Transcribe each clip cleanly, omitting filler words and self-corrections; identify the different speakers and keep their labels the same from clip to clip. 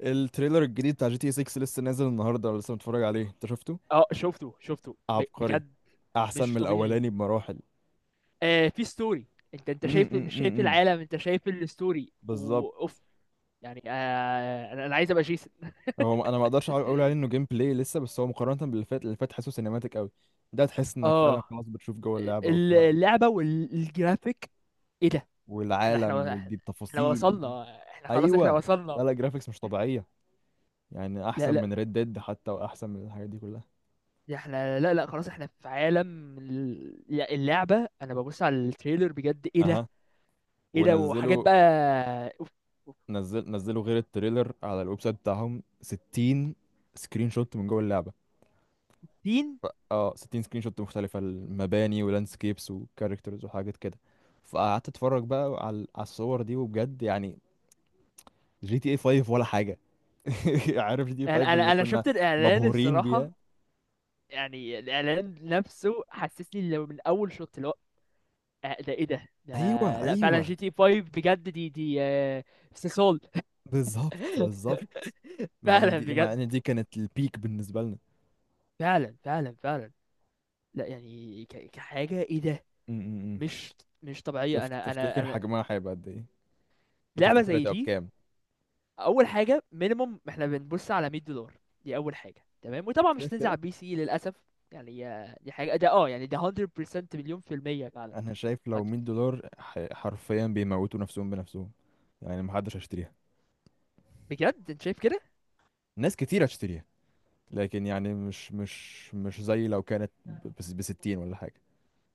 Speaker 1: التريلر الجديد بتاع جي تي 6 لسه نازل النهارده، لسه متفرج عليه؟ انت شفته؟
Speaker 2: اه شفته شفته
Speaker 1: عبقري.
Speaker 2: بجد.
Speaker 1: احسن
Speaker 2: مش
Speaker 1: من
Speaker 2: طبيعي.
Speaker 1: الاولاني بمراحل.
Speaker 2: آه، في ستوري. انت
Speaker 1: امم
Speaker 2: شايف، مش شايف
Speaker 1: امم
Speaker 2: العالم، انت شايف الستوري،
Speaker 1: بالظبط
Speaker 2: واوف. يعني انا عايز ابقى جيسون.
Speaker 1: هو انا ما اقدرش اقول عليه انه جيم بلاي لسه، بس هو مقارنه باللي فات، اللي فات حاسه سينماتيك قوي. ده تحس انك فعلا
Speaker 2: اه،
Speaker 1: خلاص بتشوف جوه اللعبه وبتاع
Speaker 2: اللعبه والجرافيك. ايه ده. احنا
Speaker 1: والعالم
Speaker 2: احنا
Speaker 1: ودي
Speaker 2: احنا
Speaker 1: التفاصيل.
Speaker 2: وصلنا. احنا خلاص، احنا
Speaker 1: ايوه. لا
Speaker 2: وصلنا.
Speaker 1: لا، جرافيكس مش طبيعيه. يعني
Speaker 2: لا
Speaker 1: احسن
Speaker 2: لا،
Speaker 1: من ريد ديد حتى، واحسن من الحاجات دي كلها.
Speaker 2: احنا، لا لا، خلاص احنا في عالم اللعبه. انا ببص على التريلر، بجد ايه ده،
Speaker 1: اها.
Speaker 2: ايه ده وحاجات
Speaker 1: ونزلوا،
Speaker 2: بقى. اوف. اوف.
Speaker 1: نزل نزلوا غير التريلر على الويب سايت بتاعهم 60 سكرين شوت من جوه اللعبة.
Speaker 2: تين.
Speaker 1: اه، 60 سكرين شوت مختلفة، المباني ولاندسكيبس وكاركترز وحاجات كده. فقعدت اتفرج بقى على الصور دي، وبجد يعني جي تي اي 5 ولا حاجة. عارف جي تي اي
Speaker 2: انا
Speaker 1: 5 اللي
Speaker 2: انا انا
Speaker 1: كنا
Speaker 2: شفت الاعلان
Speaker 1: مبهورين
Speaker 2: الصراحه.
Speaker 1: بيها؟
Speaker 2: يعني الاعلان نفسه حسسني لو من اول شوط اللي هو، ده ايه ده.
Speaker 1: ايوه
Speaker 2: لا فعلا،
Speaker 1: ايوه،
Speaker 2: جي تي 5 بجد، دي استثقال.
Speaker 1: بالظبط بالظبط. مع ان
Speaker 2: فعلا
Speaker 1: دي مع
Speaker 2: بجد،
Speaker 1: ان دي كانت البيك بالنسبة لنا.
Speaker 2: فعلا فعلا فعلا. لا يعني، كحاجه، ايه ده.
Speaker 1: م- م- م.
Speaker 2: مش مش طبيعيه. انا انا
Speaker 1: تفتكر
Speaker 2: انا
Speaker 1: حجمها هيبقى قد ايه؟
Speaker 2: لعبه
Speaker 1: وتفتكر
Speaker 2: زي
Speaker 1: هتبقى
Speaker 2: دي.
Speaker 1: بكام؟
Speaker 2: اول حاجه، مينيموم احنا بنبص على $100. دي اول حاجه. تمام، وطبعا مش
Speaker 1: شايف.
Speaker 2: هتنزل على البي سي للاسف. يعني دي حاجه ده، يعني ده 100% مليون في المية فعلا.
Speaker 1: انا شايف لو
Speaker 2: هت-
Speaker 1: $100 حرفيا بيموتوا نفسهم بنفسهم. يعني محدش هيشتريها.
Speaker 2: بجد، انت شايف؟
Speaker 1: ناس كتير هتشتريها، لكن يعني مش زي لو كانت ب 60 ولا حاجه.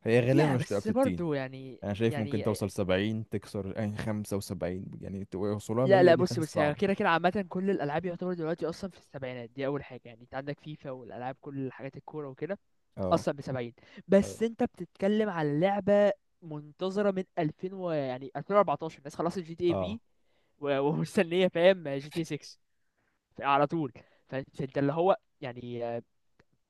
Speaker 1: هي غالبا
Speaker 2: لا
Speaker 1: مش تبقى ب
Speaker 2: بس
Speaker 1: 60.
Speaker 2: برضو يعني،
Speaker 1: انا شايف ممكن
Speaker 2: يعني
Speaker 1: توصل 70، تكسر يعني 75، يعني توصلها
Speaker 2: لا
Speaker 1: 100
Speaker 2: لا،
Speaker 1: دي
Speaker 2: بص
Speaker 1: حاسس
Speaker 2: بص، يعني
Speaker 1: صعبه.
Speaker 2: كده كده، عامة كل الألعاب يعتبر دلوقتي أصلا في السبعينات. دي أول حاجة. يعني أنت عندك فيفا والألعاب، كل حاجات الكورة وكده.
Speaker 1: اه
Speaker 2: أصلا بسبعين. بس
Speaker 1: اه
Speaker 2: أنت بتتكلم على لعبة منتظرة من 2000 و، يعني، 2014، الناس خلصت جي تي اي
Speaker 1: اه.
Speaker 2: في. ومستنية، فاهم، جي تي 6 على طول. فأنت اللي هو يعني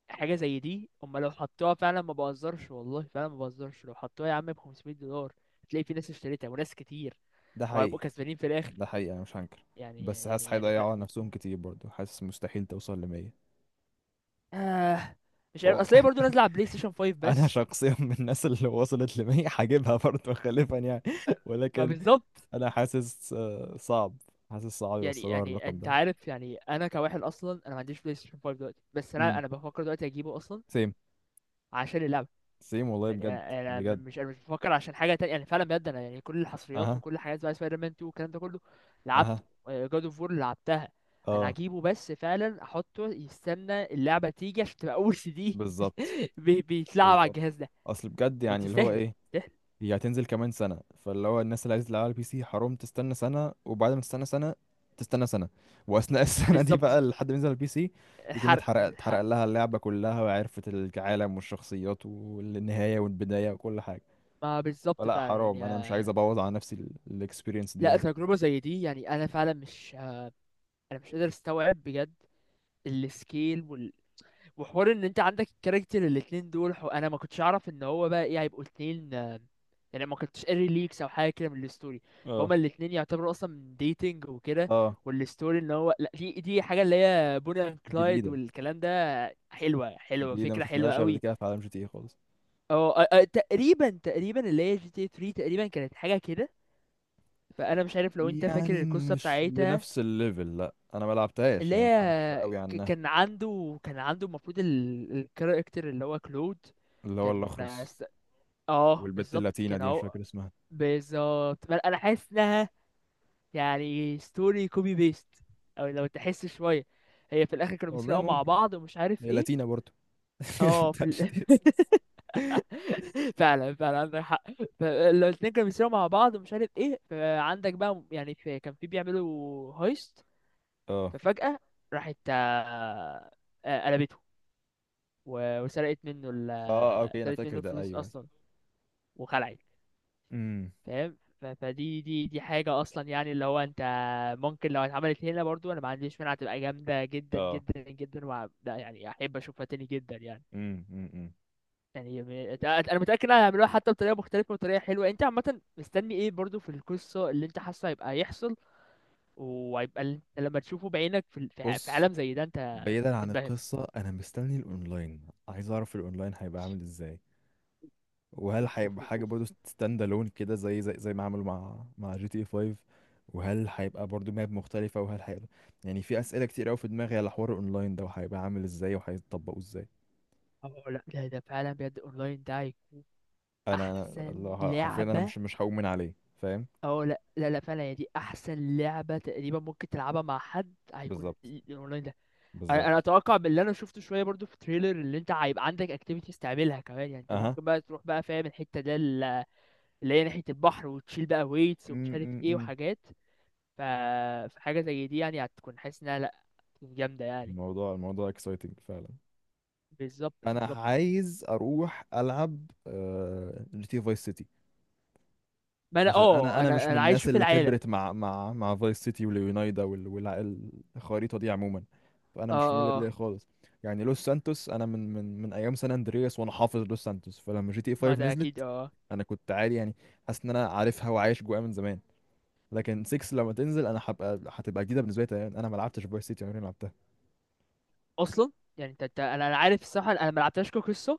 Speaker 2: حاجة زي دي. أما لو حطوها فعلا، ما بهزرش والله، فعلا ما بهزرش، لو حطوها يا عم ب $500 هتلاقي في ناس اشتريتها، وناس كتير
Speaker 1: ده حقيقي.
Speaker 2: وهيبقوا كسبانين في الاخر.
Speaker 1: ده حقيقي، انا مش هنكر.
Speaker 2: يعني
Speaker 1: بس حاسس
Speaker 2: يعني يعني ف...
Speaker 1: هيضيعوا على نفسهم كتير برضه، حاسس مستحيل توصل ل 100.
Speaker 2: آه مش عارف،
Speaker 1: هو
Speaker 2: اصل هي برضه نازله على بلاي ستيشن 5
Speaker 1: انا
Speaker 2: بس.
Speaker 1: شخصيا من الناس اللي وصلت لمية هجيبها برضه خلفا يعني. ولكن
Speaker 2: فبالظبط.
Speaker 1: انا حاسس، صعب. حاسس صعب
Speaker 2: يعني
Speaker 1: يوصلوها
Speaker 2: يعني
Speaker 1: الرقم
Speaker 2: انت
Speaker 1: ده.
Speaker 2: عارف، يعني انا كواحد اصلا، انا ما عنديش بلاي ستيشن 5 دلوقتي، بس انا
Speaker 1: امم.
Speaker 2: انا بفكر دلوقتي اجيبه اصلا.
Speaker 1: سيم.
Speaker 2: عشان اللعبه.
Speaker 1: سيم والله
Speaker 2: يعني
Speaker 1: بجد.
Speaker 2: انا
Speaker 1: بجد.
Speaker 2: مش، انا مش بفكر عشان حاجه تانية، يعني فعلا بجد، انا يعني كل الحصريات
Speaker 1: اها.
Speaker 2: وكل الحاجات بقى سبايدر مان 2 والكلام ده كله. لعبته
Speaker 1: اها.
Speaker 2: جاد اوف وور، لعبتها. انا
Speaker 1: اه.
Speaker 2: هجيبه بس فعلا احطه يستنى اللعبه تيجي، عشان تبقى اول سي دي
Speaker 1: بالظبط
Speaker 2: بيتلعب على
Speaker 1: بالظبط.
Speaker 2: الجهاز ده.
Speaker 1: اصل بجد
Speaker 2: قلت
Speaker 1: يعني اللي هو
Speaker 2: يستاهل.
Speaker 1: ايه،
Speaker 2: يستاهل.
Speaker 1: هي هتنزل كمان سنة، فاللي هو الناس اللي عايزة تلعبها على البي سي حرام، تستنى سنة، وبعد ما تستنى سنة تستنى سنة، وأثناء السنة دي
Speaker 2: بالظبط.
Speaker 1: بقى لحد ما ينزل على البي سي يكون
Speaker 2: الحرق،
Speaker 1: اتحرق، اتحرق
Speaker 2: الحرق.
Speaker 1: لها اللعبة كلها، وعرفت العالم والشخصيات والنهاية والبداية وكل حاجة.
Speaker 2: ما بالظبط
Speaker 1: فلا
Speaker 2: فعلا
Speaker 1: حرام،
Speaker 2: يعني
Speaker 1: أنا مش عايز أبوظ على نفسي الإكسبيرينس دي
Speaker 2: لا،
Speaker 1: يعني.
Speaker 2: تجربة زي دي يعني، انا فعلا مش انا مش قادر استوعب بجد. السكيل وال... وحوار ان انت عندك الكاركتر الاتنين دول، انا ما كنتش اعرف ان هو بقى ايه، هيبقوا اتنين يعني ما كنتش قاري ليكس او حاجه كده من الستوري.
Speaker 1: اه.
Speaker 2: فهما الاتنين يعتبروا اصلا من ديتنج وكده.
Speaker 1: اه.
Speaker 2: والستوري ان هو، لا، دي حاجه اللي هي بوني اند كلايد
Speaker 1: جديدة.
Speaker 2: والكلام ده. حلوه حلوه،
Speaker 1: جديدة، ما
Speaker 2: فكره حلوه
Speaker 1: شفناهاش قبل
Speaker 2: قوي.
Speaker 1: كده في عالم جي تي اي خالص.
Speaker 2: اه، تقريبا تقريبا اللي هي جي تي 3 تقريبا كانت حاجه كده. فانا مش عارف لو انت فاكر
Speaker 1: يعني
Speaker 2: القصه
Speaker 1: مش
Speaker 2: بتاعتها.
Speaker 1: لنفس الليفل، لا أنا ما لعبتهاش
Speaker 2: اللي
Speaker 1: يعني، ما أعرفش
Speaker 2: هي،
Speaker 1: قوي عنها.
Speaker 2: كان عنده المفروض الكاركتر اللي هو كلود.
Speaker 1: اللي هو
Speaker 2: كان
Speaker 1: الأخرس
Speaker 2: س- اه،
Speaker 1: والبت
Speaker 2: بالظبط،
Speaker 1: اللاتينة
Speaker 2: كان
Speaker 1: دي مش
Speaker 2: اهو.
Speaker 1: فاكر اسمها.
Speaker 2: بالظبط. انا حاسس انها يعني ستوري كوبي بيست، او لو تحس شويه، هي في الاخر كانوا
Speaker 1: والله
Speaker 2: بيسرقوا مع
Speaker 1: ممكن.
Speaker 2: بعض ومش عارف
Speaker 1: هي
Speaker 2: ايه.
Speaker 1: لاتينا برضو
Speaker 2: اه، في
Speaker 1: بتاع جي
Speaker 2: ال...
Speaker 1: تي اس ستة.
Speaker 2: فعلا فعلا، عندك حق. لو الاتنين كانوا بيسرقوا مع بعض ومش عارف ايه، فعندك بقى، يعني في، كان في بيعملوا هايست.
Speaker 1: اه.
Speaker 2: ففجأة راحت، قلبته. وسرقت منه
Speaker 1: اه اوكي، انا
Speaker 2: سرقت منه
Speaker 1: فاكر ده،
Speaker 2: الفلوس
Speaker 1: ايوه.
Speaker 2: اصلا وخلعت.
Speaker 1: امم.
Speaker 2: فاهم. فدي دي دي حاجة اصلا، يعني اللي هو انت ممكن لو اتعملت هنا برضو، انا ما عنديش مانع، تبقى جامدة جدا
Speaker 1: اه.
Speaker 2: جدا جدا لا يعني احب اشوفها تاني جدا يعني.
Speaker 1: أمم.
Speaker 2: يعني انا متاكد انها هيعملوها حتى بطريقه مختلفه وطريقه حلوه. انت عامه مستني ايه برضو في القصه اللي انت حاسه هيبقى يحصل؟ وهيبقى انت لما تشوفه بعينك في في
Speaker 1: بص،
Speaker 2: عالم زي ده، انت
Speaker 1: بعيدا عن
Speaker 2: تنبهر.
Speaker 1: القصة أنا مستني الأونلاين، عايز أعرف الأونلاين هيبقى عامل إزاي، وهل
Speaker 2: اوف، اوف،
Speaker 1: هيبقى
Speaker 2: اوف،
Speaker 1: حاجة
Speaker 2: اوف.
Speaker 1: برضو ستاند ألون كده زي ما عملوا مع جي تي 5، وهل هيبقى برضو ماب مختلفة، وهل هيبقى يعني في أسئلة كتير أوي في دماغي على حوار الأونلاين ده، وهيبقى عامل إزاي وهيطبقوه إزاي.
Speaker 2: اه لا، ده فعلا بجد اونلاين ده احسن
Speaker 1: حرفيا أنا
Speaker 2: لعبه.
Speaker 1: مش مش هؤمن عليه. فاهم.
Speaker 2: اه لا لا لا، فعلا هي دي احسن لعبه تقريبا ممكن تلعبها مع حد، هيكون
Speaker 1: بالظبط
Speaker 2: الاونلاين ده. انا
Speaker 1: بالظبط.
Speaker 2: اتوقع باللي انا شفته شويه برضو في تريلر، اللي انت هيبقى عندك اكتيفيتيز تعملها كمان، يعني انت
Speaker 1: اها.
Speaker 2: ممكن بقى تروح بقى، فاهم الحته ده، اللي هي ناحية البحر، وتشيل بقى ويتس ومش
Speaker 1: م-
Speaker 2: عارف
Speaker 1: م-
Speaker 2: ايه
Speaker 1: م.
Speaker 2: وحاجات. ف... فحاجة زي دي يعني هتكون، حاسس انها، لأ، هتكون جامدة يعني.
Speaker 1: الموضوع اكسايتنج فعلا.
Speaker 2: بالظبط،
Speaker 1: انا
Speaker 2: بالظبط.
Speaker 1: عايز اروح العب، جي تي فايس سيتي.
Speaker 2: ما انا
Speaker 1: عشان انا انا مش
Speaker 2: انا
Speaker 1: من
Speaker 2: انا عايز
Speaker 1: الناس
Speaker 2: اشوف
Speaker 1: اللي
Speaker 2: العالم.
Speaker 1: كبرت مع فايس سيتي واليونايدا الخريطه دي عموما. فانا
Speaker 2: اه،
Speaker 1: مش فاميليار
Speaker 2: اه،
Speaker 1: ليها
Speaker 2: اه.
Speaker 1: خالص. يعني لوس سانتوس انا من ايام سان اندرياس، وانا حافظ لوس سانتوس، فلما جي تي
Speaker 2: ما
Speaker 1: 5
Speaker 2: ده اكيد،
Speaker 1: نزلت
Speaker 2: اه آه.
Speaker 1: انا كنت عادي يعني. حاسس ان انا عارفها وعايش جواها من زمان. لكن 6 لما تنزل انا هتبقى جديده بالنسبه لي تماماً. انا ما لعبتش فايس سيتي، عمري ما لعبتها.
Speaker 2: اصلا يعني انت، انا عارف الصراحة، انا ما لعبتهاش كقصة.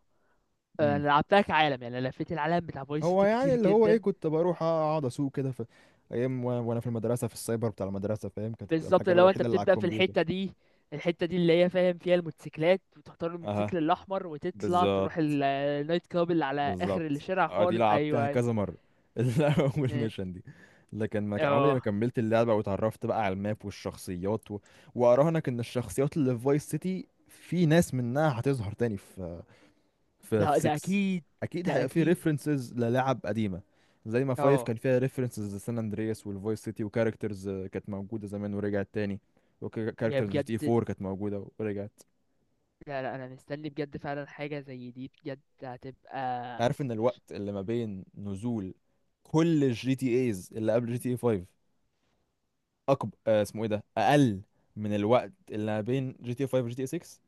Speaker 2: انا لعبتها كعالم، يعني انا لفيت العالم بتاع فايس
Speaker 1: هو
Speaker 2: سيتي
Speaker 1: يعني
Speaker 2: كتير
Speaker 1: اللي هو ايه،
Speaker 2: جدا.
Speaker 1: كنت بروح اقعد اسوق كده في ايام، وانا في المدرسه في السايبر بتاع المدرسه، فاهم كانت بتبقى
Speaker 2: بالظبط،
Speaker 1: الحاجه
Speaker 2: لو انت
Speaker 1: الوحيده اللي على
Speaker 2: بتبدأ في
Speaker 1: الكمبيوتر.
Speaker 2: الحتة دي، الحتة دي اللي هي، فاهم، فيها الموتوسيكلات، وتختار
Speaker 1: اها.
Speaker 2: الموتوسيكل الأحمر، وتطلع تروح
Speaker 1: بالظبط
Speaker 2: النايت كلاب اللي على آخر
Speaker 1: بالظبط.
Speaker 2: الشارع
Speaker 1: اه، دي
Speaker 2: خالص.
Speaker 1: لعبتها
Speaker 2: أيوه.
Speaker 1: كذا مرة، اول
Speaker 2: أيوه،
Speaker 1: ميشن دي. لكن ما عمري ما
Speaker 2: اه،
Speaker 1: كملت اللعبة، واتعرفت بقى على الماب والشخصيات و... واراهنك ان الشخصيات اللي في فايس سيتي في ناس منها هتظهر تاني في في
Speaker 2: ده
Speaker 1: 6.
Speaker 2: اكيد،
Speaker 1: اكيد
Speaker 2: ده
Speaker 1: هيبقى فيه
Speaker 2: اكيد،
Speaker 1: ريفرنسز للاعب قديمه، زي ما 5
Speaker 2: اه.
Speaker 1: كان فيها ريفرنسز لسان اندرياس والفويس سيتي، وكاركترز كانت موجوده زمان ورجعت تاني.
Speaker 2: يا
Speaker 1: وكاركترز جي تي
Speaker 2: بجد.
Speaker 1: 4 كانت موجوده ورجعت.
Speaker 2: لا لا، انا مستني بجد، فعلا حاجة زي دي بجد هتبقى
Speaker 1: عارف ان الوقت اللي ما بين نزول كل الجي تي ايز اللي قبل جي تي اي 5 اكبر، اسمه ايه ده، اقل من الوقت اللي ما بين جي تي اي 5 وجي تي اي 6.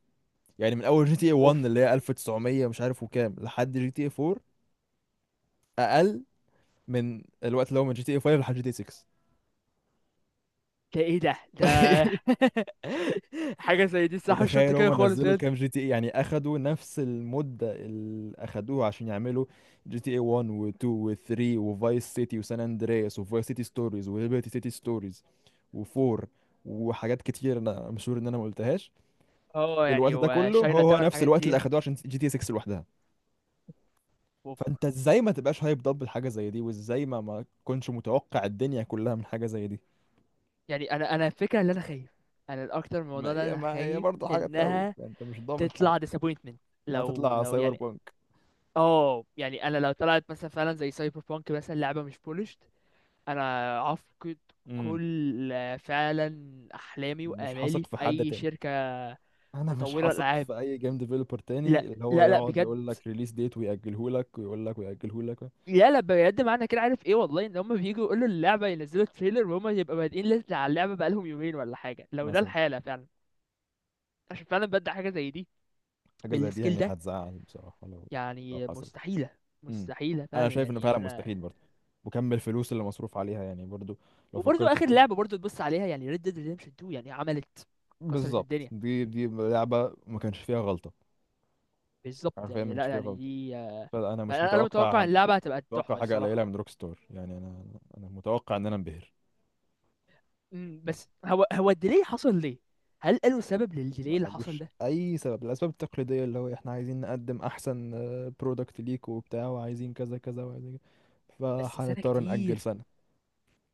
Speaker 1: يعني من اول جي تي اي
Speaker 2: اوف.
Speaker 1: 1 اللي هي 1900 مش عارف وكام لحد جي تي اي 4 اقل من الوقت اللي هو من جي تي اي 5 لحد جي تي اي 6.
Speaker 2: ده، ايه ده. حاجة زي دي، صح؟ مش
Speaker 1: وتخيل
Speaker 2: منطقية
Speaker 1: هما
Speaker 2: خالص
Speaker 1: نزلوا
Speaker 2: بجد.
Speaker 1: كام جي تي اي، يعني اخدوا نفس المدة اللي اخدوها عشان يعملوا جي تي اي 1 و2 و3 وفايس سيتي وسان اندرياس وفايس سيتي ستوريز وليبرتي سيتي ستوريز و4 وحاجات كتير انا مشهور ان انا ما قلتهاش.
Speaker 2: اه،
Speaker 1: الوقت
Speaker 2: يعني
Speaker 1: ده كله هو
Speaker 2: وشاينا
Speaker 1: هو
Speaker 2: تاون
Speaker 1: نفس
Speaker 2: الحاجات
Speaker 1: الوقت اللي
Speaker 2: دي.
Speaker 1: اخدوه عشان جي تي 6 لوحدها.
Speaker 2: اوف.
Speaker 1: فانت ازاي ما تبقاش هايب ضب الحاجه زي دي، وازاي ما تكونش متوقع الدنيا كلها من حاجه زي دي.
Speaker 2: يعني انا الفكرة، اللي انا خايف، انا الاكتر من
Speaker 1: ما
Speaker 2: الموضوع ده،
Speaker 1: هي
Speaker 2: انا
Speaker 1: ما هي
Speaker 2: خايف
Speaker 1: برضه حاجه تخوف
Speaker 2: انها
Speaker 1: يعني، انت مش ضامن حاجه
Speaker 2: تطلع disappointment.
Speaker 1: انها
Speaker 2: لو
Speaker 1: تطلع
Speaker 2: لو
Speaker 1: سايبر
Speaker 2: يعني، اه يعني انا لو طلعت مثلا فعلا زي سايبر بانك مثلا، لعبة مش بولش، انا افقد
Speaker 1: بانك.
Speaker 2: كل، فعلا، احلامي
Speaker 1: مش
Speaker 2: وامالي
Speaker 1: هثق
Speaker 2: في
Speaker 1: في حد
Speaker 2: اي
Speaker 1: تاني.
Speaker 2: شركه
Speaker 1: انا مش
Speaker 2: مطوره
Speaker 1: هثق
Speaker 2: العاب.
Speaker 1: في اي جيم ديفلوبر تاني
Speaker 2: لا
Speaker 1: اللي هو
Speaker 2: لا لا
Speaker 1: يقعد
Speaker 2: بجد.
Speaker 1: يقول لك ريليس ديت ويأجله لك، ويقول لك ويأجله لك.
Speaker 2: لا لا بجد، معنى كده، عارف ايه والله، ان هم بييجوا يقولوا اللعبه ينزلوا تريلر وهم يبقى بادئين لسه على اللعبه بقالهم يومين ولا حاجه، لو ده
Speaker 1: مثلا
Speaker 2: الحاله فعلا. عشان فعلا بدأ حاجه زي دي
Speaker 1: حاجه زي دي
Speaker 2: بالسكيل
Speaker 1: يعني
Speaker 2: ده،
Speaker 1: هتزعل بصراحه لو
Speaker 2: يعني
Speaker 1: حصلت.
Speaker 2: مستحيله.
Speaker 1: امم.
Speaker 2: مستحيله
Speaker 1: انا
Speaker 2: فعلا
Speaker 1: شايف انه
Speaker 2: يعني
Speaker 1: فعلا
Speaker 2: انا.
Speaker 1: مستحيل برضه، وكم الفلوس اللي مصروف عليها يعني برضه لو
Speaker 2: وبرضه
Speaker 1: فكرت
Speaker 2: اخر
Speaker 1: فيه.
Speaker 2: لعبه برضه تبص عليها، يعني Red Dead Redemption 2، يعني عملت، كسرت
Speaker 1: بالظبط،
Speaker 2: الدنيا.
Speaker 1: دي لعبه ما كانش فيها غلطه.
Speaker 2: بالظبط،
Speaker 1: حرفيا ما
Speaker 2: يعني
Speaker 1: كانش
Speaker 2: لا
Speaker 1: فيها
Speaker 2: يعني
Speaker 1: غلطه.
Speaker 2: دي
Speaker 1: فانا مش
Speaker 2: فانا متوقع
Speaker 1: متوقع.
Speaker 2: اللعبه هتبقى
Speaker 1: متوقع
Speaker 2: تحفه
Speaker 1: حاجه
Speaker 2: الصراحه.
Speaker 1: قليله من روك ستار، يعني انا متوقع ان انا انبهر.
Speaker 2: بس هو الديلي حصل ليه؟ هل قالوا سبب للديلي اللي حصل
Speaker 1: ملوش
Speaker 2: ده؟
Speaker 1: اي سبب، الاسباب التقليديه اللي هو احنا عايزين نقدم احسن برودكت ليك وبتاع، وعايزين كذا كذا وعايزين كذا،
Speaker 2: بس سنه
Speaker 1: فهنضطر نأجل
Speaker 2: كتير.
Speaker 1: سنه.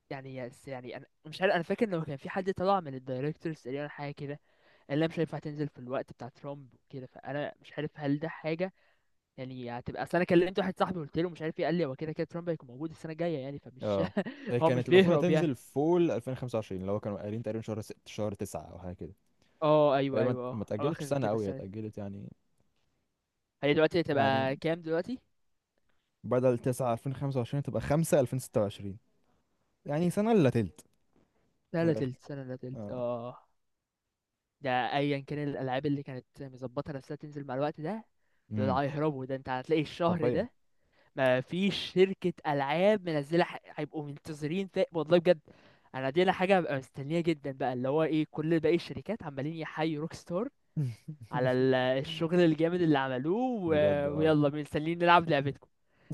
Speaker 2: يعني يعني انا مش عارف، انا فاكر لو كان في حد طلع من الدايركتورز تقريبا حاجه كده، قال لها مش هينفع تنزل في الوقت بتاع ترامب وكده، فانا مش عارف هل ده حاجه؟ يعني هتبقى، اصل انا كلمت واحد صاحبي، قلت له مش عارف ايه، قال لي هو كده كده ترامب هيكون موجود السنه الجايه، يعني فمش
Speaker 1: اه. هي
Speaker 2: هو مش
Speaker 1: كانت المفروض
Speaker 2: بيهرب يعني.
Speaker 1: هتنزل فول 2025، اللي هو كانوا قايلين تقريبا شهر ست شهر تسعة او حاجه كده.
Speaker 2: اه، ايوه
Speaker 1: فهي ما
Speaker 2: ايوه،
Speaker 1: ما
Speaker 2: اه، او
Speaker 1: اتأجلتش
Speaker 2: اخر
Speaker 1: سنه
Speaker 2: كده
Speaker 1: قوي، هي
Speaker 2: السنه دي.
Speaker 1: اتأجلت يعني.
Speaker 2: هي دلوقتي
Speaker 1: يعني
Speaker 2: هتبقى كام دلوقتي؟
Speaker 1: بدل 9 2025 تبقى 5 2026، يعني سنه الا تلت
Speaker 2: لا
Speaker 1: من
Speaker 2: لا
Speaker 1: الاخر.
Speaker 2: تلت سنة، لا تلت،
Speaker 1: اه.
Speaker 2: اه. ده، ايا كان، الالعاب اللي كانت مظبطة نفسها تنزل مع الوقت ده، ده
Speaker 1: امم.
Speaker 2: هيهربوا، ده انت هتلاقي الشهر
Speaker 1: حرفيا.
Speaker 2: ده ما فيش شركة العاب منزلة، هيبقوا منتظرين والله بجد. انا دي، انا حاجة هبقى مستنيها جدا بقى، اللي هو ايه كل باقي الشركات عمالين يحيوا روك ستار على الشغل الجامد اللي عملوه. و...
Speaker 1: بجد اه.
Speaker 2: ويلا، مستنيين نلعب لعبتكم.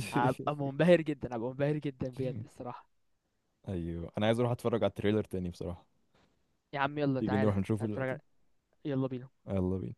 Speaker 2: هبقى منبهر جدا، هبقى منبهر جدا بجد الصراحة.
Speaker 1: ايوه انا عايز اروح اتفرج على التريلر تاني بصراحة.
Speaker 2: يا عم يلا،
Speaker 1: تيجي
Speaker 2: تعالى
Speaker 1: نروح
Speaker 2: تعالى
Speaker 1: نشوفه
Speaker 2: نتفرج
Speaker 1: دلوقتي؟
Speaker 2: على- يلا بينا.
Speaker 1: يلا بينا.